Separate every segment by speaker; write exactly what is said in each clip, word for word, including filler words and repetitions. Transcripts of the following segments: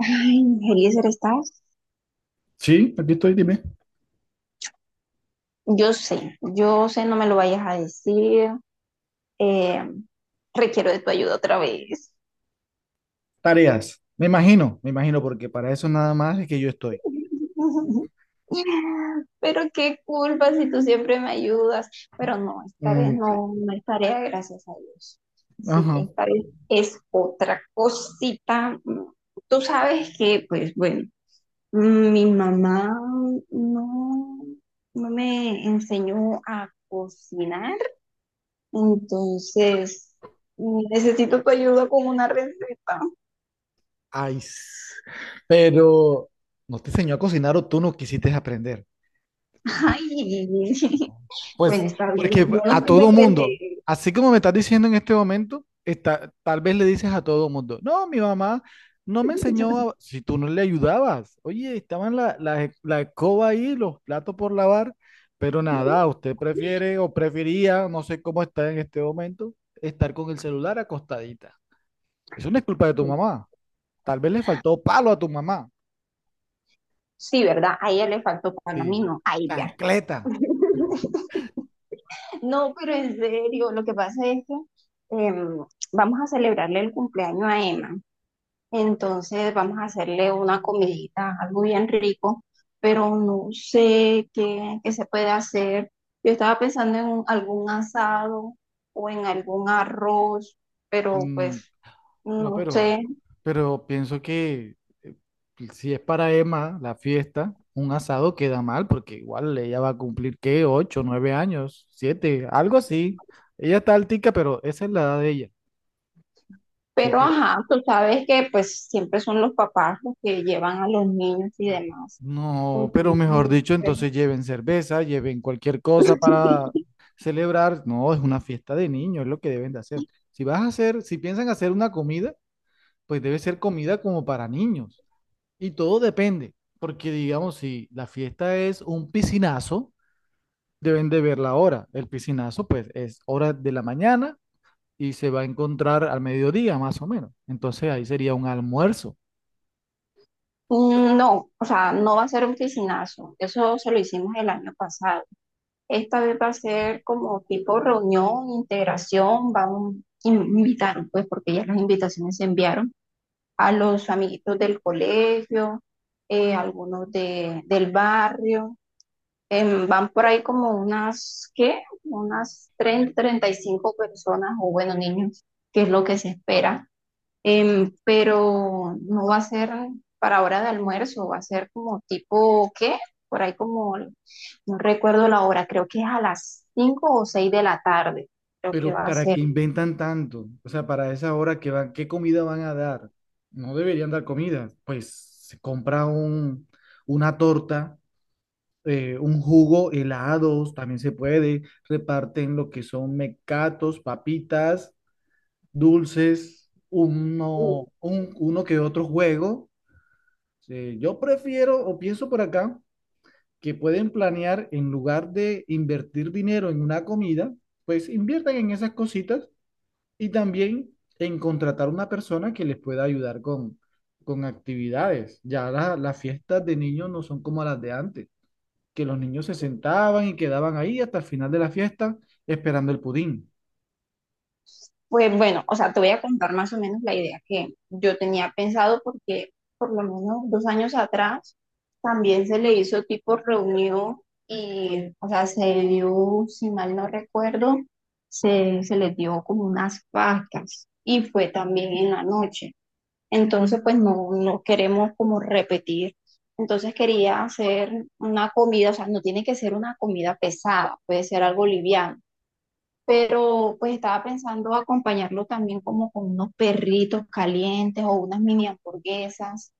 Speaker 1: Ay, Eliezer, ¿estás?
Speaker 2: Sí, aquí estoy, dime.
Speaker 1: Yo sé, yo sé, no me lo vayas a decir. Eh, Requiero de tu ayuda otra vez.
Speaker 2: Tareas. Me imagino, me imagino, porque para eso nada más es que yo estoy.
Speaker 1: Pero qué culpa si tú siempre me ayudas. Pero no, esta vez
Speaker 2: Mm, sí.
Speaker 1: no, no es tarea, gracias a Dios. Sí,
Speaker 2: Ajá.
Speaker 1: esta vez es otra cosita. Tú sabes que, pues bueno, mi mamá no, no me enseñó a cocinar. Entonces, mm, necesito tu ayuda con una receta.
Speaker 2: Ay, s- pero no te enseñó a cocinar o tú no quisiste aprender.
Speaker 1: Ay, bueno,
Speaker 2: Pues
Speaker 1: está
Speaker 2: porque
Speaker 1: bien. Yo no
Speaker 2: a
Speaker 1: sé
Speaker 2: todo mundo,
Speaker 1: secretería.
Speaker 2: así como me estás diciendo en este momento, está, tal vez le dices a todo mundo, no, mi mamá no me enseñó, a-". Si tú no le ayudabas, oye, estaban la, la, la escoba ahí, los platos por lavar, pero nada, usted prefiere o prefería, no sé cómo está en este momento, estar con el celular acostadita. Eso no es culpa de tu mamá, tal vez le faltó palo a tu mamá,
Speaker 1: Sí, ¿verdad? A ella le faltó pan, a mí
Speaker 2: sí,
Speaker 1: no, a ella.
Speaker 2: chancleta.
Speaker 1: No, pero en serio, lo que pasa es que em, vamos a celebrarle el cumpleaños a Emma. Entonces vamos a hacerle una comidita, algo bien rico, pero no sé qué, qué se puede hacer. Yo estaba pensando en un- algún asado o en algún arroz, pero pues
Speaker 2: Mm. No,
Speaker 1: no
Speaker 2: pero,
Speaker 1: sé.
Speaker 2: pero pienso que eh, si es para Emma la fiesta, un asado queda mal porque igual ella va a cumplir, ¿qué? Ocho, nueve años, siete, algo así. Ella está altica, pero esa es la edad de ella. Así
Speaker 1: Pero
Speaker 2: que,
Speaker 1: ajá, tú sabes que pues siempre son los papás los que llevan a los niños y demás.
Speaker 2: no, pero
Speaker 1: Entonces,
Speaker 2: mejor
Speaker 1: no
Speaker 2: dicho,
Speaker 1: sé.
Speaker 2: entonces lleven cerveza, lleven cualquier cosa para celebrar. No, es una fiesta de niños, es lo que deben de hacer. Si vas a hacer, si piensan hacer una comida, pues debe ser comida como para niños. Y todo depende, porque digamos, si la fiesta es un piscinazo, deben de ver la hora. El piscinazo, pues, es hora de la mañana y se va a encontrar al mediodía, más o menos. Entonces ahí sería un almuerzo.
Speaker 1: Mm, no, o sea, no va a ser un piscinazo. Eso se lo hicimos el año pasado. Esta vez va a ser como tipo reunión, integración, vamos a invitar, pues porque ya las invitaciones se enviaron a los amiguitos del colegio, eh, algunos de, del barrio. Em, van por ahí como unas, ¿qué? Unas treinta treinta y cinco personas o bueno, niños, que es lo que se espera. Em, pero no va a ser para hora de almuerzo, va a ser como tipo, ¿qué? Por ahí como, no recuerdo la hora, creo que es a las cinco o seis de la tarde, creo que
Speaker 2: Pero
Speaker 1: va a
Speaker 2: ¿para
Speaker 1: ser.
Speaker 2: qué inventan tanto? O sea, para esa hora que van, ¿qué comida van a dar? No deberían dar comida. Pues se compra un, una torta, eh, un jugo, helados, también se puede. Reparten lo que son mecatos, papitas, dulces, uno, un- uno que otro juego. Eh, yo prefiero o pienso por acá que pueden planear en lugar de invertir dinero en una comida, pues inviertan en esas cositas y también en contratar una persona que les pueda ayudar con, con actividades. Ya la- las fiestas de niños no son como las de antes, que los niños se sentaban y quedaban ahí hasta el final de la fiesta esperando el pudín.
Speaker 1: Pues bueno, o sea, te voy a contar más o menos la idea que yo tenía pensado porque por lo menos dos años atrás también se le hizo tipo reunión y, o sea, se dio, si mal no recuerdo, se, se les dio como unas pastas y fue también en la noche. Entonces, pues no, no queremos como repetir. Entonces quería hacer una comida, o sea, no tiene que ser una comida pesada, puede ser algo liviano pero pues estaba pensando acompañarlo también como con unos perritos calientes o unas mini hamburguesas.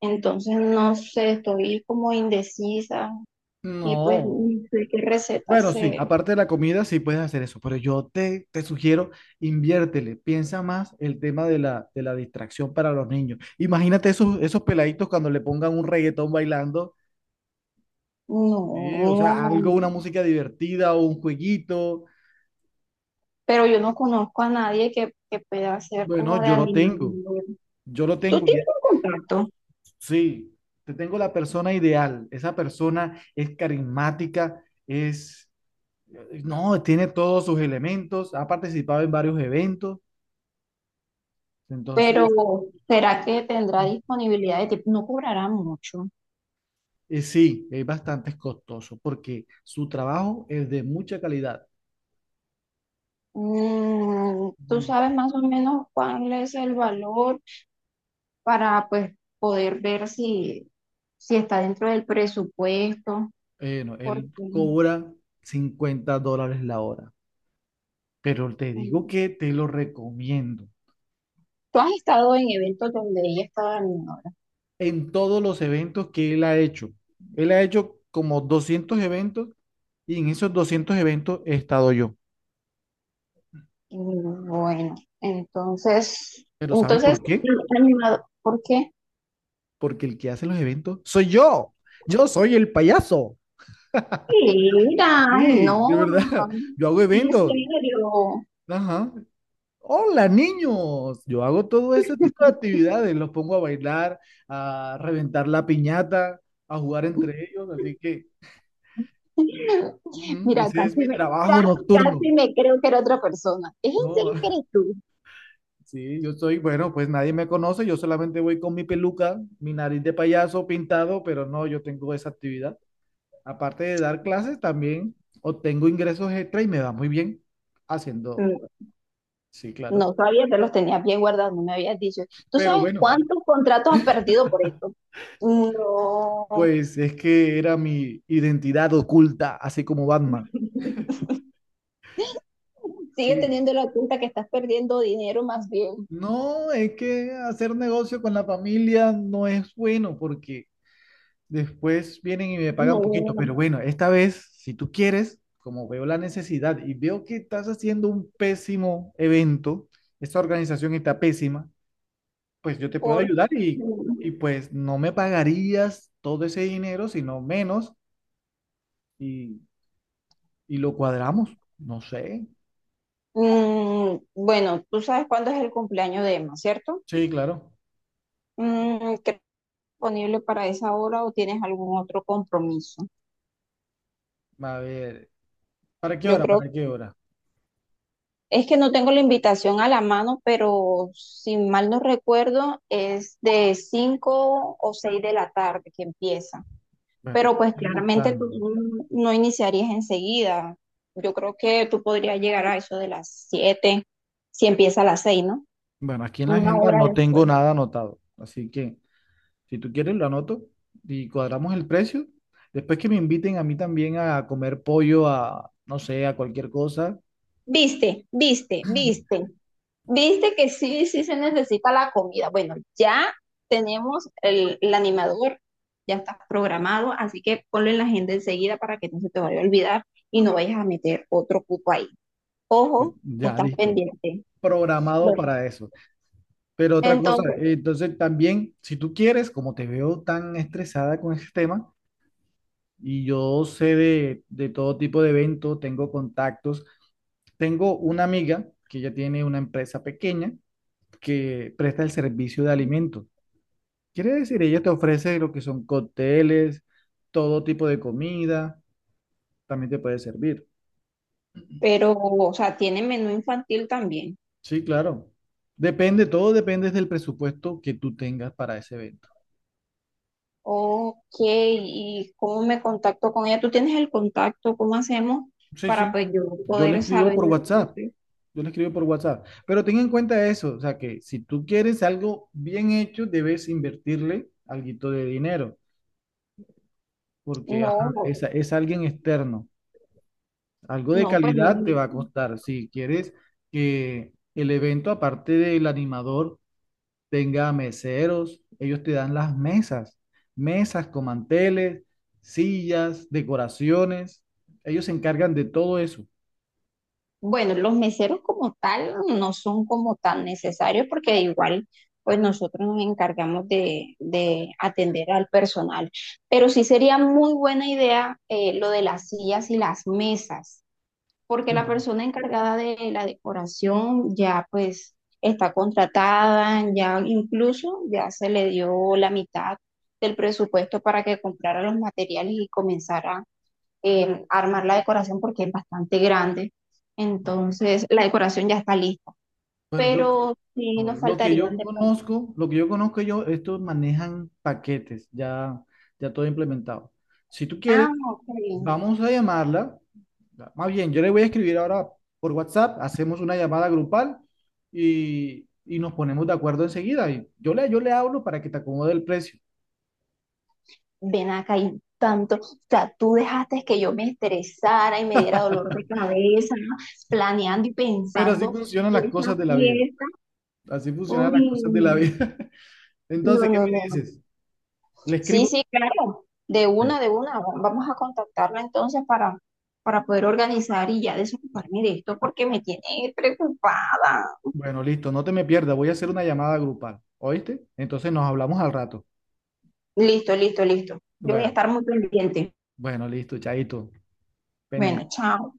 Speaker 1: Entonces, no sé, estoy como indecisa y pues no
Speaker 2: No.
Speaker 1: sé qué receta
Speaker 2: Bueno, sí,
Speaker 1: se...
Speaker 2: aparte de la comida, sí puedes hacer eso, pero yo te, te sugiero, inviértele, piensa más el tema de la, de la distracción para los niños. Imagínate esos, esos peladitos cuando le pongan un reggaetón bailando, sí, o
Speaker 1: No,
Speaker 2: sea, algo, una música divertida o un jueguito.
Speaker 1: pero yo no conozco a nadie que, que pueda hacer
Speaker 2: Bueno,
Speaker 1: como de
Speaker 2: yo lo
Speaker 1: animal.
Speaker 2: tengo, yo lo
Speaker 1: Tú
Speaker 2: tengo, y
Speaker 1: tienes
Speaker 2: es-
Speaker 1: un contacto,
Speaker 2: sí, te tengo la persona ideal, esa persona es carismática, es, no, tiene todos sus elementos, ha participado en varios eventos,
Speaker 1: pero
Speaker 2: entonces...
Speaker 1: ¿será que tendrá disponibilidad de tipo No cobrará mucho.
Speaker 2: Eh, sí, es bastante costoso porque su trabajo es de mucha calidad.
Speaker 1: Mm, ¿tú
Speaker 2: Mm,
Speaker 1: sabes más o menos cuál es el valor? Para pues poder ver si, si está dentro del presupuesto,
Speaker 2: eh, no, él
Speaker 1: porque
Speaker 2: cobra cincuenta dólares la hora, pero te digo
Speaker 1: mm,
Speaker 2: que te lo recomiendo.
Speaker 1: tú has estado en eventos donde ella estaba animadora.
Speaker 2: En todos los eventos que él ha hecho, él ha hecho como doscientos eventos y en esos doscientos eventos he estado yo.
Speaker 1: Mm, Bueno, entonces,
Speaker 2: Pero ¿sabes
Speaker 1: entonces,
Speaker 2: por qué?
Speaker 1: animador, ¿por qué?
Speaker 2: Porque el que hace los eventos soy yo. Yo soy el payaso.
Speaker 1: Mira, ay,
Speaker 2: Sí,
Speaker 1: no,
Speaker 2: de verdad. Yo hago
Speaker 1: en
Speaker 2: eventos.
Speaker 1: serio.
Speaker 2: Ajá. Hola niños, yo hago todo ese tipo de actividades, los pongo a bailar, a reventar la piñata, a jugar entre ellos, así que ujú,
Speaker 1: Mira,
Speaker 2: ese es
Speaker 1: casi
Speaker 2: mi
Speaker 1: me,
Speaker 2: trabajo
Speaker 1: casi,
Speaker 2: nocturno,
Speaker 1: casi me creo que era otra persona. ¿Es en
Speaker 2: ¿no?
Speaker 1: serio que eres tú?
Speaker 2: Sí, yo soy, bueno, pues nadie me conoce, yo solamente voy con mi peluca, mi nariz de payaso pintado, pero no, yo tengo esa actividad. Aparte de dar clases, también obtengo ingresos extra y me va muy bien haciendo,
Speaker 1: Mm.
Speaker 2: sí, claro.
Speaker 1: No sabía que los tenías bien guardados, no me habías dicho. ¿Tú
Speaker 2: Pero
Speaker 1: sabes
Speaker 2: bueno.
Speaker 1: cuántos contratos has perdido por esto? No.
Speaker 2: Pues es que era mi identidad oculta, así como Batman.
Speaker 1: Sigue
Speaker 2: Sí.
Speaker 1: teniendo la cuenta que estás perdiendo dinero más bien.
Speaker 2: No, es que hacer negocio con la familia no es bueno porque después vienen y me pagan
Speaker 1: No,
Speaker 2: poquito, pero bueno, esta vez, si tú quieres, como veo la necesidad y veo que estás haciendo un pésimo evento, esta organización está pésima, pues yo te puedo
Speaker 1: por...
Speaker 2: ayudar y, y pues no me pagarías todo ese dinero, sino menos y, y lo cuadramos. No sé.
Speaker 1: Mm, bueno, tú sabes cuándo es el cumpleaños de Emma, ¿cierto?
Speaker 2: Sí, claro.
Speaker 1: Mm, ¿qué- Disponible para esa hora o tienes algún otro compromiso?
Speaker 2: A ver, ¿para qué
Speaker 1: Yo
Speaker 2: hora?
Speaker 1: creo.
Speaker 2: ¿Para qué hora?
Speaker 1: Es que no tengo la invitación a la mano, pero si mal no recuerdo, es de cinco o seis de la tarde que empieza.
Speaker 2: Bueno,
Speaker 1: Pero pues
Speaker 2: estoy
Speaker 1: claramente tú
Speaker 2: buscando.
Speaker 1: no no iniciarías enseguida. Yo creo que tú podrías llegar a eso de las siete si empieza a las seis, ¿no?
Speaker 2: Bueno, aquí en la
Speaker 1: Una
Speaker 2: agenda
Speaker 1: hora
Speaker 2: no tengo
Speaker 1: después.
Speaker 2: nada anotado, así que si tú quieres lo anoto y cuadramos el precio. Después que me inviten a mí también a comer pollo, a no sé, a cualquier cosa.
Speaker 1: Viste, viste, viste. Viste que sí, sí se necesita la comida. Bueno, ya tenemos el, el animador, ya está programado, así que ponlo en la agenda enseguida para que no se te vaya a olvidar y no vayas a meter otro cupo ahí.
Speaker 2: Pues
Speaker 1: Ojo,
Speaker 2: ya
Speaker 1: estás
Speaker 2: listo.
Speaker 1: pendiente.
Speaker 2: Programado
Speaker 1: Bueno,
Speaker 2: para eso. Pero otra cosa,
Speaker 1: entonces,
Speaker 2: eh, entonces también, si tú quieres, como te veo tan estresada con ese tema y yo sé de, de todo tipo de eventos, tengo contactos. Tengo una amiga que ya tiene una empresa pequeña que presta el servicio de alimentos. Quiere decir, ella te ofrece lo que son cócteles, todo tipo de comida, también te puede servir.
Speaker 1: pero, o sea, tiene menú infantil también.
Speaker 2: Sí, claro. Depende, todo depende del presupuesto que tú tengas para ese evento.
Speaker 1: Ok, ¿y cómo me contacto con ella? ¿Tú tienes el contacto? ¿Cómo hacemos
Speaker 2: Sí,
Speaker 1: para
Speaker 2: sí.
Speaker 1: pues yo
Speaker 2: Yo le
Speaker 1: poder
Speaker 2: escribo
Speaker 1: saber?
Speaker 2: por WhatsApp. Yo le escribo por WhatsApp. Pero ten en cuenta eso, o sea que si tú quieres algo bien hecho, debes invertirle alguito de dinero, porque ajá,
Speaker 1: No,
Speaker 2: es, es alguien externo. Algo de
Speaker 1: no, pues no.
Speaker 2: calidad te va a costar. Si quieres que el evento, aparte del animador, tenga meseros, ellos te dan las mesas, mesas con manteles, sillas, decoraciones. Ellos se encargan de todo eso.
Speaker 1: Bueno, los meseros como tal no son como tan necesarios porque igual pues nosotros nos encargamos de, de atender al personal. Pero sí sería muy buena idea eh, lo de las sillas y las mesas. Porque la persona encargada de la decoración ya pues está contratada, ya incluso ya se le dio la mitad del presupuesto para que comprara los materiales y comenzara eh, a armar la decoración porque es bastante grande. Entonces la decoración ya está lista,
Speaker 2: Bueno, lo, que
Speaker 1: pero sí
Speaker 2: no,
Speaker 1: nos
Speaker 2: lo que
Speaker 1: faltarían
Speaker 2: yo
Speaker 1: de pronto.
Speaker 2: conozco, lo que yo conozco yo, estos manejan paquetes, ya, ya todo implementado. Si tú quieres,
Speaker 1: Ah, ok,
Speaker 2: vamos a llamarla. Más bien, yo le voy a escribir ahora por WhatsApp, hacemos una llamada grupal y, y nos ponemos de acuerdo enseguida. Y yo le, yo le hablo para que te acomode el precio.
Speaker 1: ven acá y tanto, o sea, tú dejaste que yo me estresara y me diera dolor de cabeza, ¿no? Planeando y
Speaker 2: Pero así
Speaker 1: pensando
Speaker 2: funcionan las
Speaker 1: esa
Speaker 2: cosas de la vida.
Speaker 1: fiesta.
Speaker 2: Así funcionan
Speaker 1: Uy,
Speaker 2: las cosas de la vida.
Speaker 1: no,
Speaker 2: Entonces, ¿qué
Speaker 1: no,
Speaker 2: me
Speaker 1: no, no.
Speaker 2: dices? Le
Speaker 1: Sí,
Speaker 2: escribo.
Speaker 1: sí, claro, de una, de una. va- Vamos a contactarla entonces para, para poder organizar y ya desocuparme de esto porque me tiene preocupada.
Speaker 2: Bueno, listo, no te me pierdas. Voy a hacer una llamada grupal. ¿Oíste? Entonces nos hablamos al rato.
Speaker 1: Listo, listo, listo. Yo voy a
Speaker 2: Bueno,
Speaker 1: estar muy pendiente.
Speaker 2: bueno, listo, chaito.
Speaker 1: Bueno,
Speaker 2: Pendiente.
Speaker 1: chao.